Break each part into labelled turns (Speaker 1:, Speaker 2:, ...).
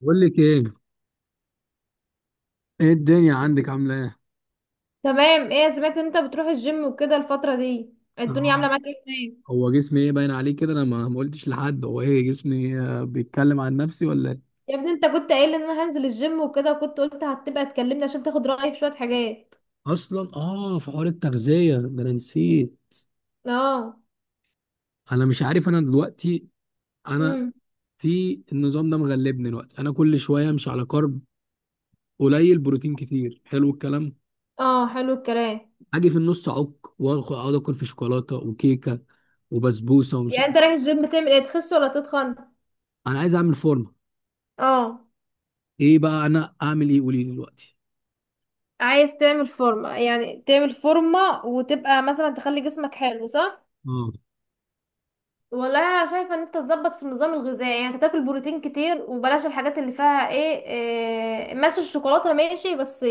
Speaker 1: بقول لك ايه. ايه الدنيا عندك عامله ايه؟
Speaker 2: تمام، ايه سمعت ان انت بتروح الجيم وكده الفترة دي الدنيا عاملة
Speaker 1: آه.
Speaker 2: معاك ايه هناك؟
Speaker 1: هو جسمي ايه باين عليه كده؟ انا ما قلتش لحد. هو ايه جسمي؟ بيتكلم عن نفسي ولا ايه؟
Speaker 2: يا ابني، انت كنت قايل ان انا هنزل الجيم وكده وكنت قلت هتبقى تكلمني عشان تاخد رأيي في شوية حاجات.
Speaker 1: اصلا اه في حوار التغذيه ده انا نسيت.
Speaker 2: اه.
Speaker 1: انا مش عارف انا دلوقتي. انا
Speaker 2: امم.
Speaker 1: في النظام ده مغلبني دلوقتي. انا كل شويه مش على كارب قليل بروتين كتير. حلو الكلام.
Speaker 2: اه، حلو الكلام.
Speaker 1: اجي في النص اعك، واخد اقعد اكل في شوكولاته وكيكه وبسبوسه ومش
Speaker 2: يعني انت
Speaker 1: عارف.
Speaker 2: رايح الجيم تعمل ايه، تخس ولا تتخن؟
Speaker 1: انا عايز اعمل فورمه.
Speaker 2: اه.
Speaker 1: ايه بقى انا اعمل ايه؟ قولي لي دلوقتي.
Speaker 2: عايز تعمل فورمة يعني تعمل فورمة وتبقى مثلا تخلي جسمك حلو صح؟
Speaker 1: اه
Speaker 2: والله انا شايفه ان انت تظبط في النظام الغذائي، يعني انت تاكل بروتين كتير وبلاش الحاجات اللي فيها ايه، إيه ماشي، الشوكولاته ماشي بس.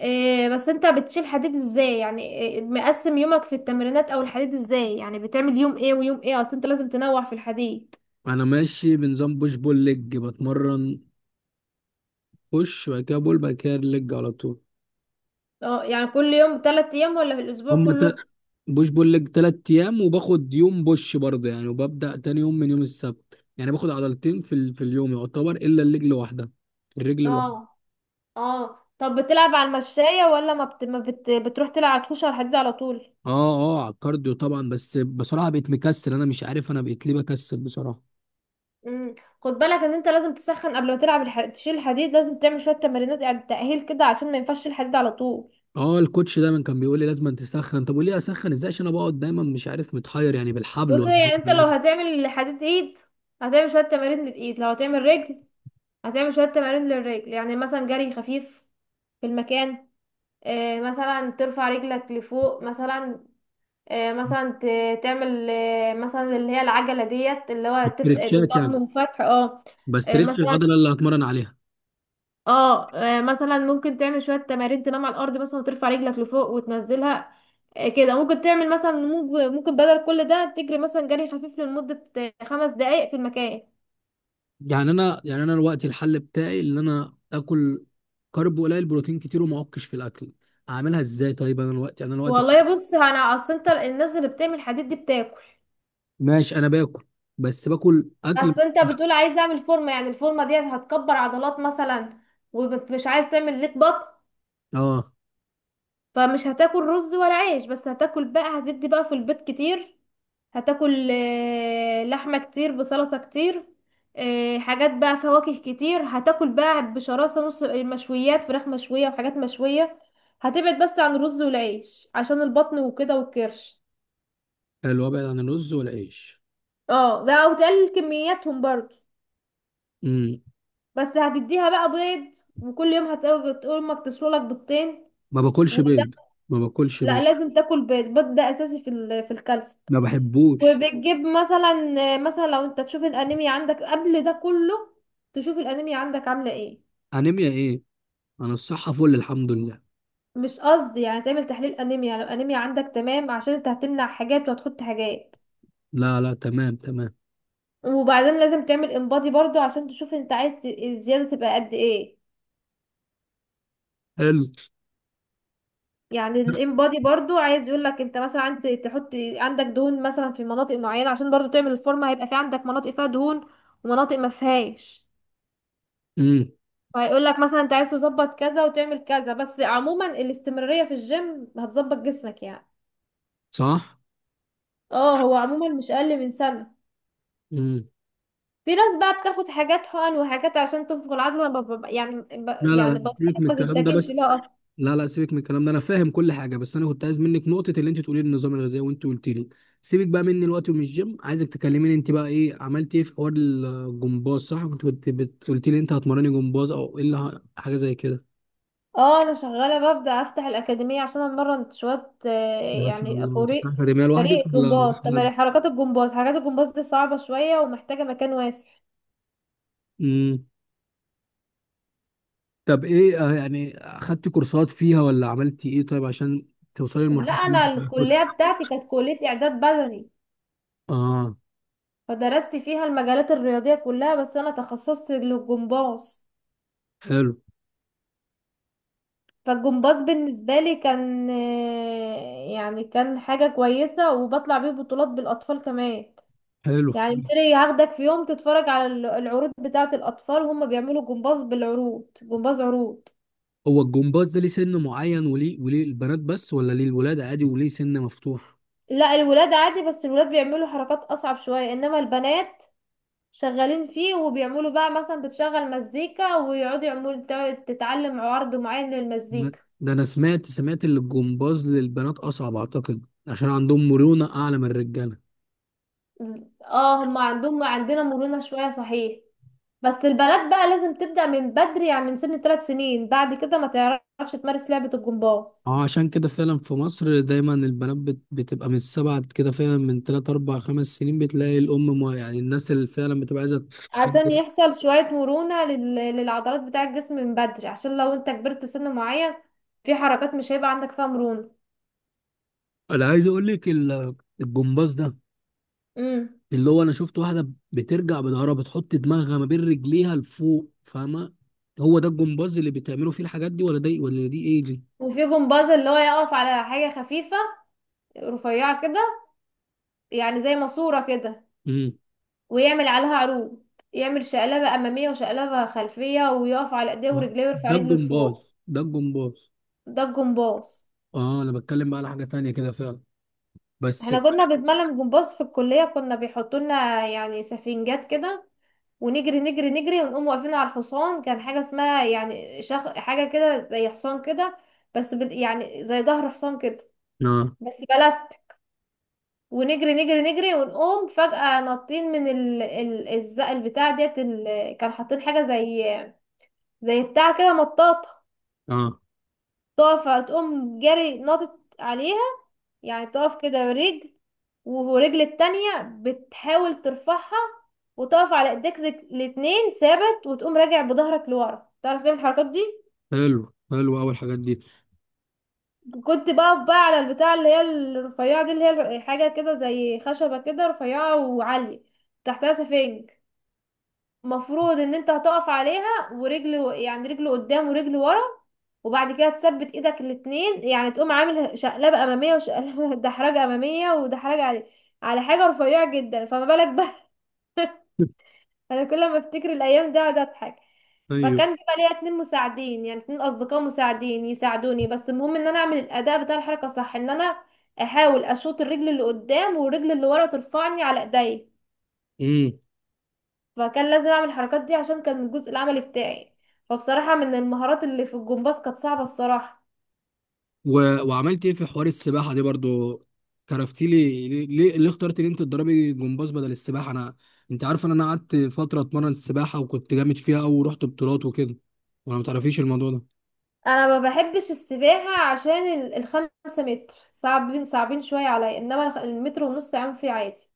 Speaker 2: إيه، بس انت بتشيل حديد ازاي؟ يعني إيه مقسم يومك في التمرينات او الحديد ازاي؟ يعني بتعمل يوم ايه ويوم ايه؟ اصل انت لازم تنوع في الحديد.
Speaker 1: انا ماشي بنظام بوش بول ليج. بتمرن بوش، وبعد كده بول، بعد كده ليج على طول.
Speaker 2: اه، يعني كل يوم، تلات ايام ولا في الاسبوع
Speaker 1: هم ت...
Speaker 2: كله؟
Speaker 1: بوش بول ليج 3 ايام، وباخد يوم بوش برضه يعني. وببدأ تاني يوم من يوم السبت، يعني باخد عضلتين في اليوم، يعتبر الا الرجل واحدة. الرجل الواحدة.
Speaker 2: اه. اه، طب بتلعب على المشاية ولا ما, بت... ما بت... بتروح تلعب تخش على الحديد على طول؟
Speaker 1: اه. اه على الكارديو طبعا. بس بصراحة بقيت مكسل. انا مش عارف انا بقيت ليه بكسل بصراحة.
Speaker 2: امم. خد بالك ان انت لازم تسخن قبل ما تلعب تشيل الحديد، لازم تعمل شوية تمرينات يعني تأهيل كده عشان ما ينفعش تشيل الحديد على طول.
Speaker 1: اه الكوتش دايما كان بيقول لي لازم أن تسخن. طب وليه اسخن؟ ازاي؟ عشان انا بقعد دايما مش عارف متحير يعني، بالحبل
Speaker 2: بص،
Speaker 1: ولا
Speaker 2: يعني انت لو هتعمل حديد ايد هتعمل شوية تمارين للايد، لو هتعمل رجل هتعمل شوية تمارين للرجل، يعني مثلا جري خفيف في المكان. مثلا ترفع رجلك لفوق مثلا. مثلا تعمل، مثلا اللي هي العجلة ديت اللي هو
Speaker 1: استرتشات
Speaker 2: الضم
Speaker 1: يعني؟
Speaker 2: وفتح. اه.
Speaker 1: بسترتش
Speaker 2: مثلا.
Speaker 1: العضلة اللي هتمرن عليها.
Speaker 2: اه، مثلا ممكن تعمل شوية تمارين، تنام على الأرض مثلا وترفع رجلك لفوق وتنزلها. كده ممكن تعمل مثلا، ممكن بدل كل ده تجري مثلا جري خفيف لمدة 5 دقايق في المكان.
Speaker 1: يعني انا، يعني انا الوقت الحل بتاعي اللي انا اكل كارب قليل بروتين كتير وما اعكش في الاكل. اعملها ازاي طيب؟ انا الوقت، يعني انا الوقت.
Speaker 2: والله بص، انا اصل انت الناس اللي بتعمل حديد دي بتاكل.
Speaker 1: ماشي انا باكل، بس باكل اكل.
Speaker 2: بس انت بتقول عايز اعمل فورمه، يعني الفورمه دي هتكبر عضلات مثلا، ومش عايز تعمل ليك بطن.
Speaker 1: اه.
Speaker 2: فمش هتاكل رز ولا عيش، بس هتاكل بقى، هتدي بقى في البيت كتير، هتاكل لحمه كتير بسلطه كتير. حاجات بقى، فواكه كتير هتاكل بقى بشراسه، نص مشويات، فراخ مشويه وحاجات مشويه. هتبعد بس عن الرز والعيش عشان البطن وكده والكرش.
Speaker 1: حلو ابعد عن الرز والعيش.
Speaker 2: اه، ده او تقلل كمياتهم برضو.
Speaker 1: امم.
Speaker 2: بس هتديها بقى بيض، وكل يوم هتقول تقول امك تسوي لك بيضتين.
Speaker 1: ما باكلش
Speaker 2: وده،
Speaker 1: بيض. ما باكلش
Speaker 2: لا
Speaker 1: بيض.
Speaker 2: لازم تاكل بيض، البيض ده اساسي في الكالسيوم.
Speaker 1: ما بحبوش.
Speaker 2: وبتجيب مثلا لو انت تشوف الانيميا عندك قبل ده كله، تشوف الانيميا عندك عامله ايه.
Speaker 1: انيميا ايه؟ انا الصحه فل الحمد لله.
Speaker 2: مش قصدي، يعني تعمل تحليل انيميا لو انيميا عندك تمام، عشان انت هتمنع حاجات وهتحط حاجات.
Speaker 1: لا لا تمام تمام.
Speaker 2: وبعدين لازم تعمل انبادي برضو عشان تشوف انت عايز الزياده تبقى قد ايه.
Speaker 1: حلو.
Speaker 2: يعني الام بادي برضو عايز يقول لك انت مثلا، انت تحط عندك دهون مثلا في مناطق معينه، عشان برضو تعمل الفورمه هيبقى في عندك مناطق فيها دهون ومناطق ما فيهاش.
Speaker 1: امم.
Speaker 2: فهيقول لك مثلا انت عايز تظبط كذا وتعمل كذا، بس عموما الاستمراريه في الجيم هتظبط جسمك يعني.
Speaker 1: صح.
Speaker 2: اه، هو عموما مش اقل من سنه.
Speaker 1: امم.
Speaker 2: في ناس بقى بتاخد حاجات حقن وحاجات عشان تنفخ العضله، انا بب- بب- يعني ب...
Speaker 1: لا لا
Speaker 2: يعني
Speaker 1: لا سيبك
Speaker 2: بنصحك
Speaker 1: من
Speaker 2: ما
Speaker 1: الكلام ده
Speaker 2: تتجهش
Speaker 1: بس.
Speaker 2: لها.
Speaker 1: لا لا سيبك من الكلام ده، انا فاهم كل حاجه. بس انا كنت عايز منك نقطه اللي انت تقولي لي النظام الغذائي، وانت قلت لي. سيبك بقى مني الوقت ومن الجيم. عايزك تكلميني انت بقى ايه عملت ايه في حوار الجمباز. صح كنت قلت لي انت هتمرني جمباز او ايه اللي حاجه زي كده.
Speaker 2: اه، انا شغاله ببدا افتح الاكاديميه عشان امرن شويه.
Speaker 1: ما شاء
Speaker 2: يعني
Speaker 1: الله، تفتح
Speaker 2: فريق
Speaker 1: اكاديميه لوحدك
Speaker 2: فريق
Speaker 1: ولا معاك
Speaker 2: جمباز،
Speaker 1: حد؟
Speaker 2: تمارين حركات الجمباز. حركات الجمباز دي صعبه شويه ومحتاجه مكان واسع.
Speaker 1: امم. طب ايه يعني اخدت كورسات فيها ولا عملتي ايه طيب، عشان توصلي
Speaker 2: لا،
Speaker 1: لمرحله إن
Speaker 2: انا
Speaker 1: أنت تبقى كوتش؟
Speaker 2: الكليه بتاعتي كانت كليه اعداد بدني.
Speaker 1: اه.
Speaker 2: فدرست فيها المجالات الرياضيه كلها، بس انا تخصصت للجمباز.
Speaker 1: حلو.
Speaker 2: فالجمباز بالنسبه لي كان يعني كان حاجه كويسه، وبطلع بيه بطولات بالاطفال كمان.
Speaker 1: حلو.
Speaker 2: يعني مصري هاخدك في يوم تتفرج على العروض بتاعة الأطفال وهم بيعملوا جمباز، بالعروض جمباز عروض.
Speaker 1: هو الجمباز ده ليه سن معين، وليه البنات بس ولا ليه الولاد عادي وليه سن مفتوح؟
Speaker 2: لا، الولاد عادي، بس الولاد بيعملوا حركات أصعب شوية، إنما البنات شغالين فيه، وبيعملوا بقى مثلا بتشغل مزيكا ويقعدوا يعملوا، تتعلم عرض معين للمزيكا.
Speaker 1: ده انا سمعت ان الجمباز للبنات اصعب، اعتقد عشان عندهم مرونة اعلى من الرجالة.
Speaker 2: اه، هم عندنا مرونة شوية صحيح. بس البنات بقى لازم تبدأ من بدري، يعني من سن 3 سنين، بعد كده ما تعرفش تمارس لعبة الجمباز.
Speaker 1: اه عشان كده فعلا في مصر دايما البنات بتبقى من السبعة كده، فعلا من 3 4 5 سنين بتلاقي الام، مو يعني الناس اللي فعلا بتبقى عايزة تخلي.
Speaker 2: عشان يحصل شوية مرونة للعضلات بتاع الجسم من بدري، عشان لو انت كبرت سن معين، في حركات مش هيبقى عندك فيها مرونة.
Speaker 1: انا عايز اقول لك الجمباز ده،
Speaker 2: امم.
Speaker 1: اللي هو انا شفت واحدة بترجع بظهرها بتحط دماغها ما بين رجليها لفوق، فاهمة؟ هو ده الجمباز اللي بتعملوا فيه الحاجات دي ولا ده ولا دي، ايه دي؟
Speaker 2: وفي جمباز اللي هو يقف على حاجة خفيفة رفيعة كده، يعني زي ماسورة كده،
Speaker 1: امم.
Speaker 2: ويعمل عليها عروض. يعمل شقلبة أمامية وشقلبة خلفية، ويقف على إيديه ورجليه ويرفع
Speaker 1: ده
Speaker 2: رجله
Speaker 1: الجمباز
Speaker 2: لفوق.
Speaker 1: ده الجمباز.
Speaker 2: ده الجمباز.
Speaker 1: اه انا بتكلم بقى على حاجة تانية كده فعلا. بس.
Speaker 2: احنا كنا بنتمرن جمباز في الكلية، كنا بيحطولنا يعني سفنجات كده، ونجري نجري نجري ونقوم واقفين على الحصان. كان حاجة اسمها يعني حاجة كده زي حصان كده. يعني زي ظهر حصان كده.
Speaker 1: اه.
Speaker 2: بس بلاست. ونجري نجري نجري ونقوم فجأة نطين من البتاع ديت، كان حاطين حاجة زي بتاع كده مطاطة
Speaker 1: اه
Speaker 2: طافة، تقوم جري ناطط عليها. يعني تقف كده برجل، ورجل التانية بتحاول ترفعها، وتقف على ايديك الاتنين ثابت، وتقوم راجع بظهرك لورا. تعرف تعمل الحركات دي؟
Speaker 1: حلو حلو اول الحاجات دي.
Speaker 2: كنت بقف بقى على البتاع اللي هي الرفيعة دي، اللي هي حاجة كده زي خشبة كده رفيعة وعالية، تحتها سفنج. مفروض ان انت هتقف عليها ورجل، يعني رجل قدام ورجل ورا، وبعد كده تثبت ايدك الاتنين، يعني تقوم عامل شقلبة امامية وشقلبة دحرجة امامية، ودحرجة على حاجة رفيعة جدا، فما بالك بقى. انا كل ما افتكر الايام دي اقعد اضحك.
Speaker 1: ايوه.
Speaker 2: فكان بيبقى ليا اتنين مساعدين، يعني اتنين اصدقاء مساعدين يساعدوني، بس المهم ان انا اعمل الاداء بتاع الحركة صح، ان انا احاول اشوط الرجل اللي قدام، والرجل اللي ورا ترفعني على ايديا.
Speaker 1: امم.
Speaker 2: فكان لازم اعمل الحركات دي عشان كان من الجزء العملي بتاعي. فبصراحة، من المهارات اللي في الجمباز كانت صعبة الصراحة.
Speaker 1: و... وعملت ايه في حوار السباحة دي برضو؟ كرفتي لي ليه اخترت ان انت تدربي جمباز بدل السباحة؟ انا انت عارف ان انا قعدت فترة اتمرن السباحة وكنت جامد فيها، او رحت بطولات وكده، ولا ما تعرفيش الموضوع ده؟
Speaker 2: انا ما بحبش السباحة، عشان الخمسة متر صعبين صعبين شوية عليا، انما المتر ونص عام فيه عادي.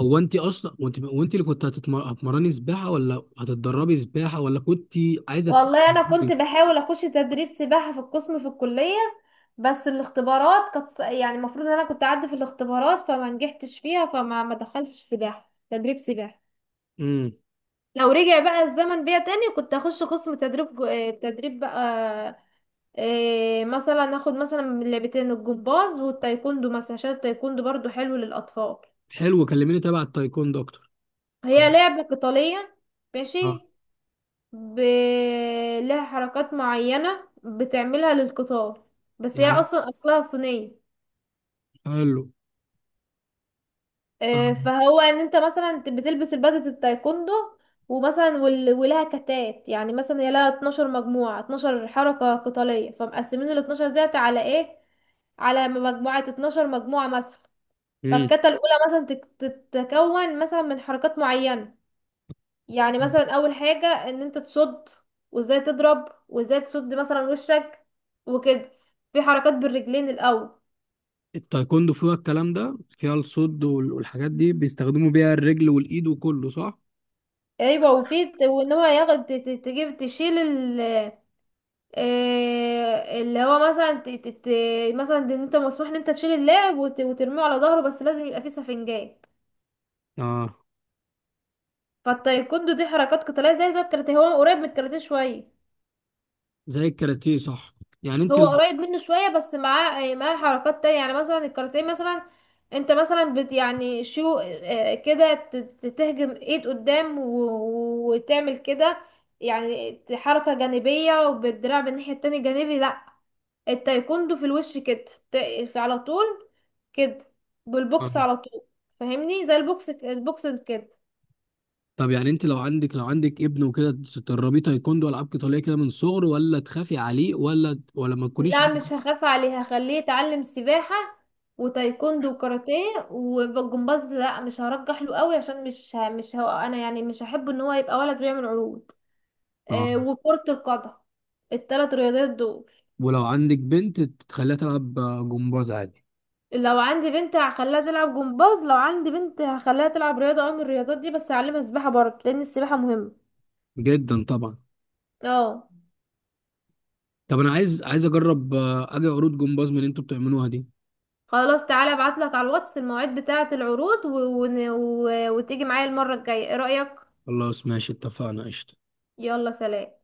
Speaker 1: هو انت اصلا وانت اللي كنت هتمرني سباحة ولا هتتدربي سباحة، ولا كنت عايزة
Speaker 2: والله انا كنت
Speaker 1: تتمرني؟
Speaker 2: بحاول اخش تدريب سباحة في القسم في الكلية، بس الاختبارات كانت يعني المفروض ان انا كنت اعدي في الاختبارات، فما نجحتش فيها، فما ما دخلتش سباحة، تدريب سباحة.
Speaker 1: امم.
Speaker 2: لو رجع بقى الزمن بيا تاني، كنت اخش قسم تدريب تدريب بقى. إيه، مثلا اخد مثلا من لعبتين، الجمباز والتايكوندو مثلا، عشان التايكوندو برضو حلو للاطفال.
Speaker 1: حلو كلميني تبع التايكوندو اكتر.
Speaker 2: هي لعبة قتالية. ماشي. ب... لها حركات معينة بتعملها للقتال. بس هي
Speaker 1: يعني.
Speaker 2: اصلا اصلها صينية.
Speaker 1: حلو.
Speaker 2: إيه،
Speaker 1: آه.
Speaker 2: فهو ان انت مثلا بتلبس البدلة التايكوندو. ومثلا ولها كتات، يعني مثلا هي لها 12 مجموعة، 12 حركة قتالية، فمقسمين ال 12 ديت على ايه، على مجموعة 12 مجموعة مثلا.
Speaker 1: امم.
Speaker 2: فالكتة الأولى مثلا تتكون مثلا من حركات معينة. يعني مثلا أول حاجة إن أنت تصد، وإزاي تضرب وإزاي تصد مثلا وشك، وكده. في حركات بالرجلين الأول.
Speaker 1: التايكوندو فيها الكلام ده، فيها الصد والحاجات دي بيستخدموا بيها الرجل والايد وكله صح؟
Speaker 2: أيوة، وفي وإن هو ياخد ت- ت- تجيب تشيل ال، اللي هو مثلا مثلا إن أنت مسموح إن أنت تشيل اللاعب وترميه على ظهره، بس لازم يبقى فيه سفنجات.
Speaker 1: اه.
Speaker 2: فالتايكوندو دي حركات قتالية، زي الكاراتيه، هو قريب من الكاراتيه شوية.
Speaker 1: زي الكاراتيه صح. يعني انت
Speaker 2: هو قريب منه شوية، بس معاه حركات تانية، يعني مثلا الكاراتيه مثلا. انت مثلا بت يعني شو كده تهجم ايد قدام وتعمل كده، يعني حركة جانبية وبالدراع بالناحية التانية، جانبي لا. التايكوندو في الوش كده ت- في على طول كده،
Speaker 1: آه.
Speaker 2: بالبوكس على طول. فاهمني زي البوكس، البوكس كده.
Speaker 1: طب يعني انت لو عندك ابن وكده، تدربيه تايكوندو والعاب قتاليه كده من صغره ولا تخافي عليه ولا ما تكونيش
Speaker 2: لا، مش هخاف عليه، هخليه يتعلم سباحة وتايكوندو وكاراتيه والجمباز، لا مش هرجح له قوي عشان مش هو، انا يعني مش هحب ان هو يبقى ولد بيعمل عروض. آه،
Speaker 1: اه؟
Speaker 2: وكرة القدم، التلات رياضات دول.
Speaker 1: ولو عندك بنت تخليها تلعب جمباز عادي.
Speaker 2: لو عندي بنت هخليها تلعب جمباز، لو عندي بنت هخليها تلعب رياضة او من الرياضات دي، بس هعلمها سباحة برضه لان السباحة مهمة.
Speaker 1: جدا طبعا.
Speaker 2: اه.
Speaker 1: طب انا عايز اجرب اجي عروض جمباز من اللي انتوا بتعملوها دي.
Speaker 2: خلاص، تعالى ابعتلك على الواتس المواعيد بتاعة العروض وتيجي معايا المرة الجاية، ايه رأيك؟
Speaker 1: خلاص ماشي اتفقنا قشطه.
Speaker 2: يلا سلام.